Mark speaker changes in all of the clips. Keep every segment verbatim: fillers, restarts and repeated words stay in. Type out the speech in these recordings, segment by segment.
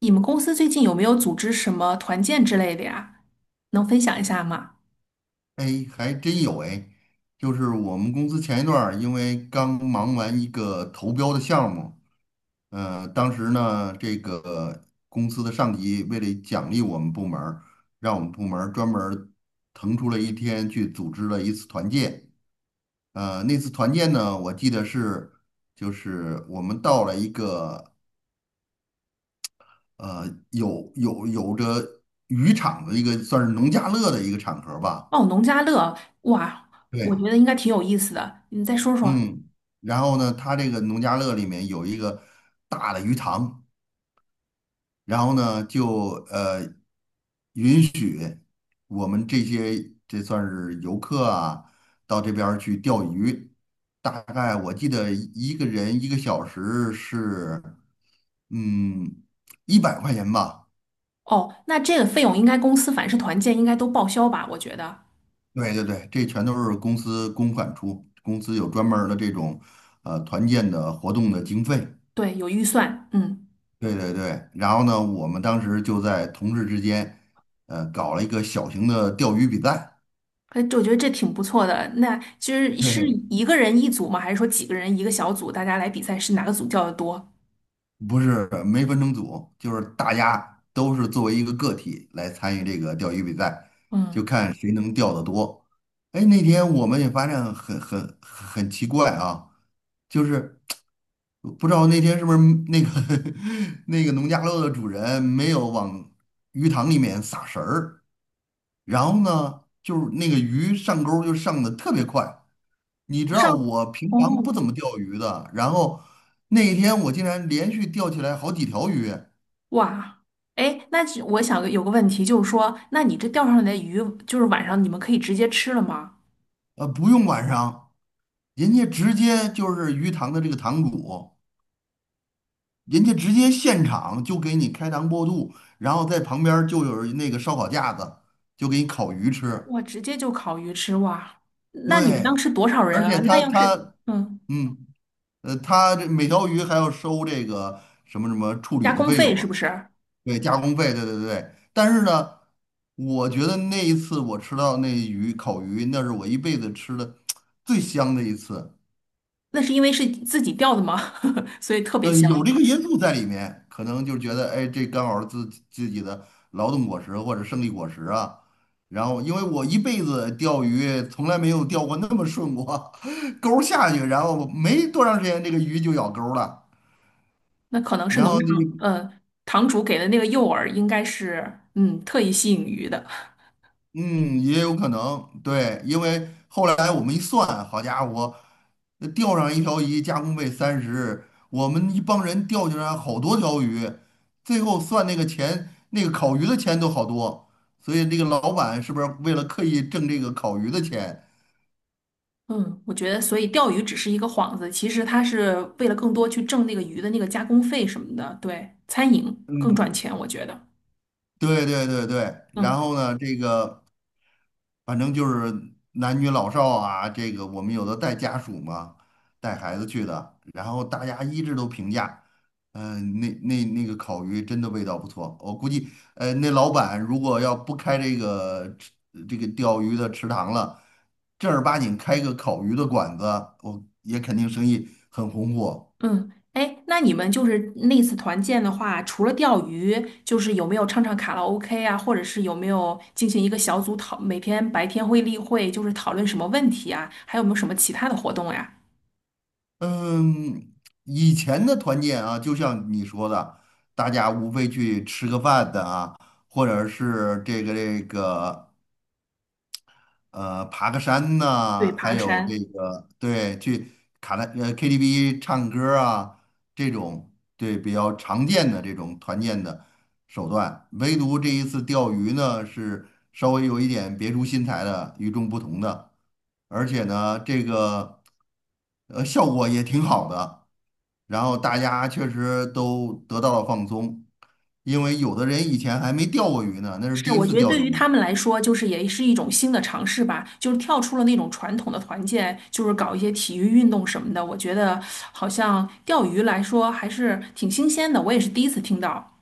Speaker 1: 你们公司最近有没有组织什么团建之类的呀？能分享一下吗？
Speaker 2: 哎，还真有哎，就是我们公司前一段儿因为刚忙完一个投标的项目，呃，当时呢，这个公司的上级为了奖励我们部门儿，让我们部门儿专门儿腾出了一天去组织了一次团建。呃，那次团建呢，我记得是就是我们到了一个呃有有有着渔场的一个算是农家乐的一个场合吧。
Speaker 1: 哦，农家乐。哇，我
Speaker 2: 对，
Speaker 1: 觉得应该挺有意思的。你再说说。
Speaker 2: 嗯，然后呢，他这个农家乐里面有一个大的鱼塘，然后呢，就呃允许我们这些这算是游客啊，到这边儿去钓鱼。大概我记得一个人一个小时是嗯一百块钱吧。
Speaker 1: 哦，那这个费用应该公司凡是团建应该都报销吧？我觉得。
Speaker 2: 对对对，这全都是公司公款出，公司有专门儿的这种呃团建的活动的经费。
Speaker 1: 对，有预算。嗯。
Speaker 2: 对对对，然后呢，我们当时就在同事之间，呃，搞了一个小型的钓鱼比赛。
Speaker 1: 哎，这我觉得这挺不错的。那其实是
Speaker 2: 对，
Speaker 1: 一个人一组吗？还是说几个人一个小组，大家来比赛是哪个组叫的多？
Speaker 2: 不是没分成组，就是大家都是作为一个个体来参与这个钓鱼比赛，就
Speaker 1: 嗯，
Speaker 2: 看谁能钓得多。哎，那天我们也发现很很很奇怪啊，就是不知道那天是不是那个 那个农家乐的主人没有往鱼塘里面撒食儿。然后呢，就是那个鱼上钩儿就上的特别快。你知
Speaker 1: 我上。
Speaker 2: 道我平常不
Speaker 1: 哦，
Speaker 2: 怎么钓鱼的，然后那一天我竟然连续钓起来好几条鱼，
Speaker 1: 哇，哎，那只我想有个问题，就是说，那你这钓上来的鱼，就是晚上你们可以直接吃了吗？
Speaker 2: 呃，不用晚上，人家直接就是鱼塘的这个塘主，人家直接现场就给你开膛破肚，然后在旁边儿就有那个烧烤架子，就给你烤鱼吃。
Speaker 1: 哇，直接就烤鱼吃哇！那你们当
Speaker 2: 对，
Speaker 1: 时多少
Speaker 2: 而
Speaker 1: 人
Speaker 2: 且
Speaker 1: 啊？那
Speaker 2: 他
Speaker 1: 要是
Speaker 2: 他
Speaker 1: 嗯，
Speaker 2: 嗯。呃，他这每条鱼还要收这个什么什么处理
Speaker 1: 加
Speaker 2: 的
Speaker 1: 工
Speaker 2: 费
Speaker 1: 费
Speaker 2: 用啊。
Speaker 1: 是不是？
Speaker 2: 对，加工费，对对对。但是呢，我觉得那一次我吃到那鱼烤鱼，那是我一辈子吃的最香的一次。
Speaker 1: 那是因为是自己钓的吗？所以特别
Speaker 2: 呃，
Speaker 1: 香。
Speaker 2: 有这个因素在里面，可能就觉得，哎，这刚好是自己自己的劳动果实或者胜利果实啊。然后，因为我一辈子钓鱼从来没有钓过那么顺过，钩儿下去，然后没多长时间，这个鱼就咬钩儿了。
Speaker 1: 那可能是
Speaker 2: 然
Speaker 1: 农
Speaker 2: 后
Speaker 1: 场，
Speaker 2: 呢。
Speaker 1: 呃，堂主给的那个诱饵，应该是嗯，特意吸引鱼的。
Speaker 2: 嗯，也有可能，对，因为后来我们一算，好家伙，呃钓上一条鱼，加工费三十，我们一帮人钓起来好多条鱼，最后算那个钱，那个烤鱼的钱都好多，所以这个老板是不是为了刻意挣这个烤鱼的钱？
Speaker 1: 嗯，我觉得，所以钓鱼只是一个幌子，其实它是为了更多去挣那个鱼的那个加工费什么的。对，餐饮更赚
Speaker 2: 嗯，
Speaker 1: 钱，我觉得。
Speaker 2: 对对对对，
Speaker 1: 嗯
Speaker 2: 然后呢，这个。反正就是男女老少啊，这个我们有的带家属嘛，带孩子去的，然后大家一致都评价，嗯、那那那个烤鱼真的味道不错。我估计，呃，那老板如果要不开这个吃这个钓鱼的池塘了，正儿八经开个烤鱼的馆子，我也肯定生意很红火。
Speaker 1: 嗯，哎，那你们就是那次团建的话，除了钓鱼，就是有没有唱唱卡拉 OK 啊，或者是有没有进行一个小组讨，每天白天会例会，就是讨论什么问题啊，还有没有什么其他的活动呀？
Speaker 2: 嗯，以前的团建啊，就像你说的，大家无非去吃个饭的啊，或者是这个这个呃，爬个山
Speaker 1: 对，
Speaker 2: 呐、
Speaker 1: 爬
Speaker 2: 还
Speaker 1: 个
Speaker 2: 有这
Speaker 1: 山。
Speaker 2: 个对，去卡拉呃 K T V 唱歌啊，这种对比较常见的这种团建的手段。唯独这一次钓鱼呢，是稍微有一点别出心裁的，与众不同的，而且呢，这个呃效果也挺好的。然后大家确实都得到了放松，因为有的人以前还没钓过鱼呢，那是
Speaker 1: 是，
Speaker 2: 第一
Speaker 1: 我
Speaker 2: 次
Speaker 1: 觉得
Speaker 2: 钓
Speaker 1: 对于
Speaker 2: 鱼。
Speaker 1: 他们来说，就是也是一种新的尝试吧，就是跳出了那种传统的团建，就是搞一些体育运动什么的。我觉得好像钓鱼来说还是挺新鲜的，我也是第一次听到。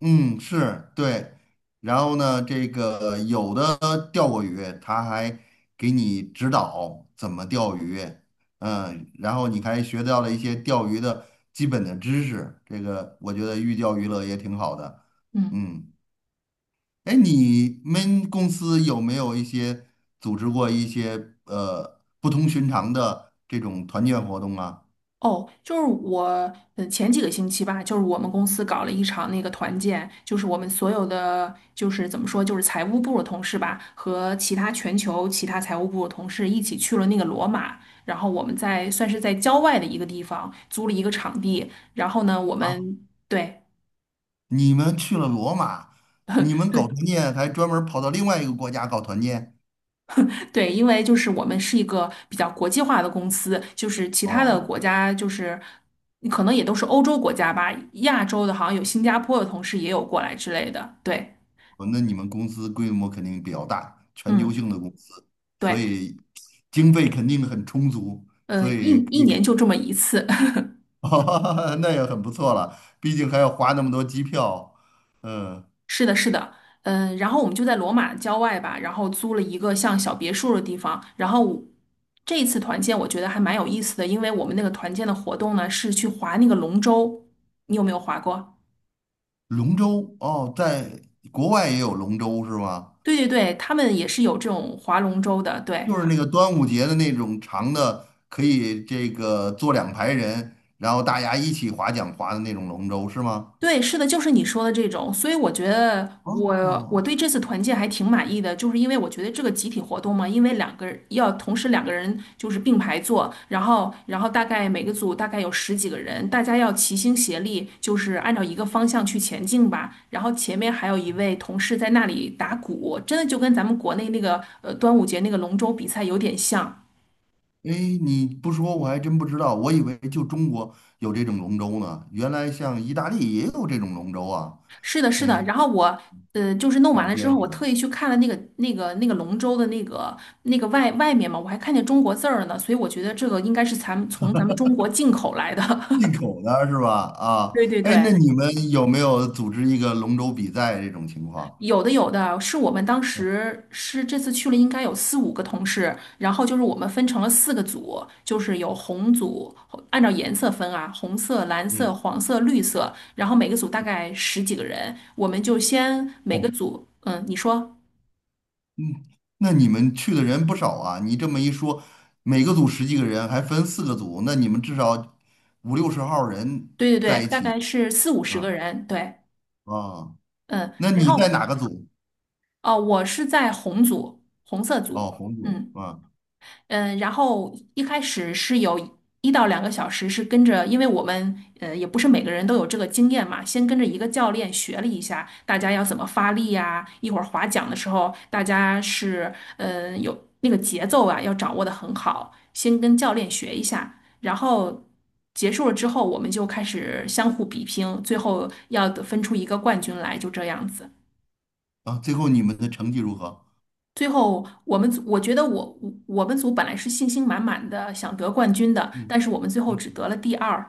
Speaker 2: 嗯，是对。然后呢，这个有的钓过鱼，他还给你指导怎么钓鱼，嗯，然后你还学到了一些钓鱼的基本的知识。这个我觉得寓教于乐也挺好的。
Speaker 1: 嗯。
Speaker 2: 嗯，哎，你们公司有没有一些组织过一些呃不同寻常的这种团建活动啊？
Speaker 1: 哦，就是我，嗯，前几个星期吧，就是我们公司搞了一场那个团建，就是我们所有的，就是怎么说，就是财务部的同事吧，和其他全球其他财务部的同事一起去了那个罗马，然后我们在算是在郊外的一个地方租了一个场地，然后呢，我
Speaker 2: 啊，
Speaker 1: 们对。
Speaker 2: 你们去了罗马，你们
Speaker 1: 对
Speaker 2: 搞团建还专门跑到另外一个国家搞团建？
Speaker 1: 对，因为就是我们是一个比较国际化的公司，就是其他的
Speaker 2: 哦，
Speaker 1: 国家就是可能也都是欧洲国家吧，亚洲的好像有新加坡的同事也有过来之类的。对。
Speaker 2: 哦那你们公司规模肯定比较大，全球
Speaker 1: 嗯，
Speaker 2: 性的公司，所
Speaker 1: 对，
Speaker 2: 以经费肯定很充足，
Speaker 1: 呃，
Speaker 2: 所
Speaker 1: 一
Speaker 2: 以可
Speaker 1: 一年
Speaker 2: 以，
Speaker 1: 就这么一次。
Speaker 2: 哦那也很不错了。毕竟还要花那么多机票。嗯，
Speaker 1: 是的，是的。嗯、然后我们就在罗马郊外吧，然后租了一个像小别墅的地方，然后我这一次团建我觉得还蛮有意思的，因为我们那个团建的活动呢是去划那个龙舟，你有没有划过？
Speaker 2: 龙舟哦，在国外也有龙舟是吗？
Speaker 1: 对对对，他们也是有这种划龙舟的，对。
Speaker 2: 就是那个端午节的那种长的，可以这个坐两排人，然后大家一起划桨划的那种龙舟是吗？
Speaker 1: 对，是的，就是你说的这种，所以我觉得我我
Speaker 2: 哦，
Speaker 1: 对这次团建还挺满意的，就是因为我觉得这个集体活动嘛，因为两个人要同时两个人就是并排坐，然后然后大概每个组大概有十几个人，大家要齐心协力，就是按照一个方向去前进吧。然后前面还有一位同事在那里打鼓，真的就跟咱们国内那个呃端午节那个龙舟比赛有点像。
Speaker 2: 哎，你不说我还真不知道，我以为就中国有这种龙舟呢，原来像意大利也有这种龙舟啊。
Speaker 1: 是的，是的。
Speaker 2: 哎，
Speaker 1: 然后我呃，就是弄完
Speaker 2: 长
Speaker 1: 了之后，
Speaker 2: 见
Speaker 1: 我
Speaker 2: 识了，
Speaker 1: 特意去看了那个那个那个龙舟的那个那个外外面嘛，我还看见中国字儿呢，所以我觉得这个应该是咱们从咱们中国进口来的。
Speaker 2: 进 口的是吧？啊，
Speaker 1: 对对
Speaker 2: 哎，那
Speaker 1: 对。
Speaker 2: 你们有没有组织一个龙舟比赛这种情况？
Speaker 1: 有的有的是我们当时是这次去了，应该有四五个同事，然后就是我们分成了四个组，就是有红组，按照颜色分啊，红色、蓝色、
Speaker 2: 嗯，
Speaker 1: 黄色、绿色，然后每个组大概十几个人，我们就先每个
Speaker 2: 哦，
Speaker 1: 组，嗯，你说。
Speaker 2: 嗯，那你们去的人不少啊。你这么一说，每个组十几个人，还分四个组，那你们至少五六十号人
Speaker 1: 对对对，
Speaker 2: 在一
Speaker 1: 大
Speaker 2: 起
Speaker 1: 概是四五十个
Speaker 2: 啊
Speaker 1: 人。对。
Speaker 2: 啊。
Speaker 1: 嗯，
Speaker 2: 那
Speaker 1: 然
Speaker 2: 你在
Speaker 1: 后
Speaker 2: 哪个组？
Speaker 1: 哦，我是在红组，红色
Speaker 2: 哦，
Speaker 1: 组。
Speaker 2: 红组
Speaker 1: 嗯。
Speaker 2: 啊
Speaker 1: 嗯，然后一开始是有一到两个小时是跟着，因为我们呃也不是每个人都有这个经验嘛，先跟着一个教练学了一下大家要怎么发力呀、一会儿划桨的时候大家是嗯、呃有那个节奏啊要掌握的很好，先跟教练学一下，然后结束了之后我们就开始相互比拼，最后要得分出一个冠军来，就这样子。
Speaker 2: 啊，最后你们的成绩如何？
Speaker 1: 最后，我们组我觉得我我我们组本来是信心满满的想得冠军的，
Speaker 2: 嗯
Speaker 1: 但是我们最后只
Speaker 2: 嗯，
Speaker 1: 得了第二。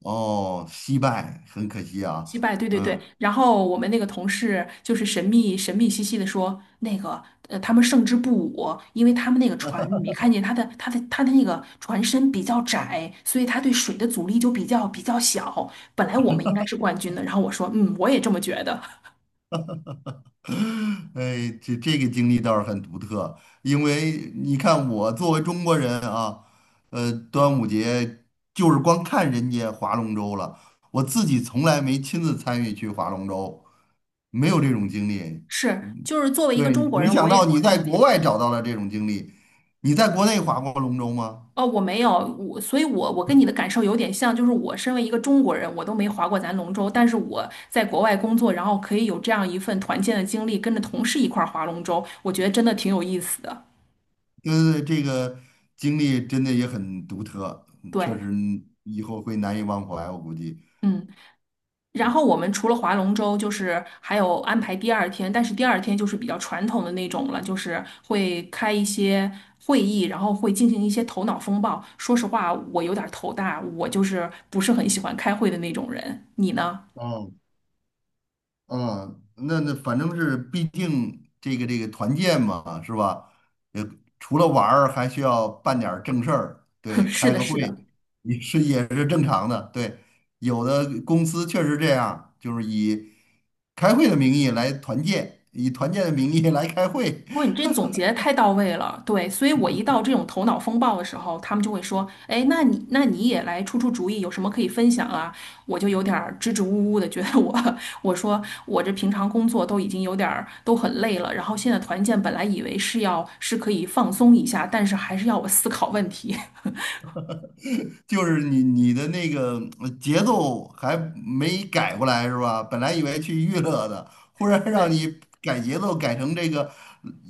Speaker 2: 哦，惜败，很可惜
Speaker 1: 击
Speaker 2: 啊。
Speaker 1: 败。对对对。
Speaker 2: 嗯，
Speaker 1: 然后我们那个同事就是神秘神秘兮兮的说，那个呃，他们胜之不武，因为他们那个船，你没看见他的他的他的那个船身比较窄，所以他对水的阻力就比较比较小。本来我们应该是冠军的。然后我说，嗯，我也这么觉得。
Speaker 2: 哎，这这个经历倒是很独特，因为你看我作为中国人啊，呃，端午节就是光看人家划龙舟了，我自己从来没亲自参与去划龙舟，没有这种经历。
Speaker 1: 是，
Speaker 2: 嗯
Speaker 1: 就是作为一个
Speaker 2: 对，
Speaker 1: 中国
Speaker 2: 没
Speaker 1: 人，我
Speaker 2: 想到
Speaker 1: 也
Speaker 2: 你在
Speaker 1: 嗯。
Speaker 2: 国外找到了这种经历，你在国内划过龙舟吗？
Speaker 1: 哦，我没有。我，所以我，我跟你的感受有点像，就是我身为一个中国人，我都没划过咱龙舟，但是我在国外工作，然后可以有这样一份团建的经历，跟着同事一块儿划龙舟，我觉得真的挺有意思的。
Speaker 2: 对对，这个经历真的也很独特，嗯确
Speaker 1: 对。
Speaker 2: 实以后会难以忘怀，我估计。
Speaker 1: 嗯，然后我们除了划龙舟，就是还有安排第二天，但是第二天就是比较传统的那种了，就是会开一些会议，然后会进行一些头脑风暴。说实话，我有点儿头大，我就是不是很喜欢开会的那种人。你呢？
Speaker 2: 哦，嗯，那那反正是，毕竟这个这个团建嘛，是吧？也除了玩儿，还需要办点儿正事儿，对，
Speaker 1: 是
Speaker 2: 开
Speaker 1: 的，
Speaker 2: 个
Speaker 1: 是
Speaker 2: 会
Speaker 1: 的。
Speaker 2: 也是也是正常的，对。有的公司确实这样，就是以开会的名义来团建，以团建的名义来开会，
Speaker 1: 哇，你这总结得太到位了。对，所以我一到这种头脑风暴的时候，他们就会说，哎，那你那你也来出出主意，有什么可以分享啊？我就有点儿支支吾吾的，觉得我 我说我这平常工作都已经有点儿都很累了，然后现在团建本来以为是要是可以放松一下，但是还是要我思考问题。
Speaker 2: 就是你你的那个呃节奏还没改过来是吧？本来以为去娱乐的，忽然让
Speaker 1: 对，
Speaker 2: 你改节奏，改成这个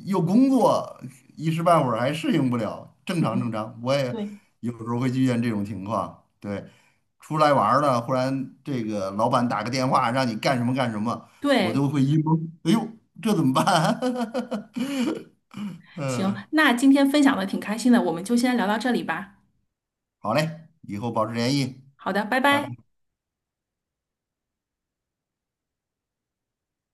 Speaker 2: 又工作，一时半会儿还适应不了。正常正
Speaker 1: 嗯，
Speaker 2: 常，我也
Speaker 1: 对
Speaker 2: 有时候会遇见这种情况。对，出来玩儿了，忽然这个老板打个电话让你干什么干什么，我
Speaker 1: 对。
Speaker 2: 都会一懵，哎呦，这怎么办？
Speaker 1: 行，
Speaker 2: 嗯，
Speaker 1: 那今天分享的挺开心的，我们就先聊到这里吧。
Speaker 2: 好嘞，以后保持联系，
Speaker 1: 好的，拜
Speaker 2: 拜
Speaker 1: 拜。
Speaker 2: 拜。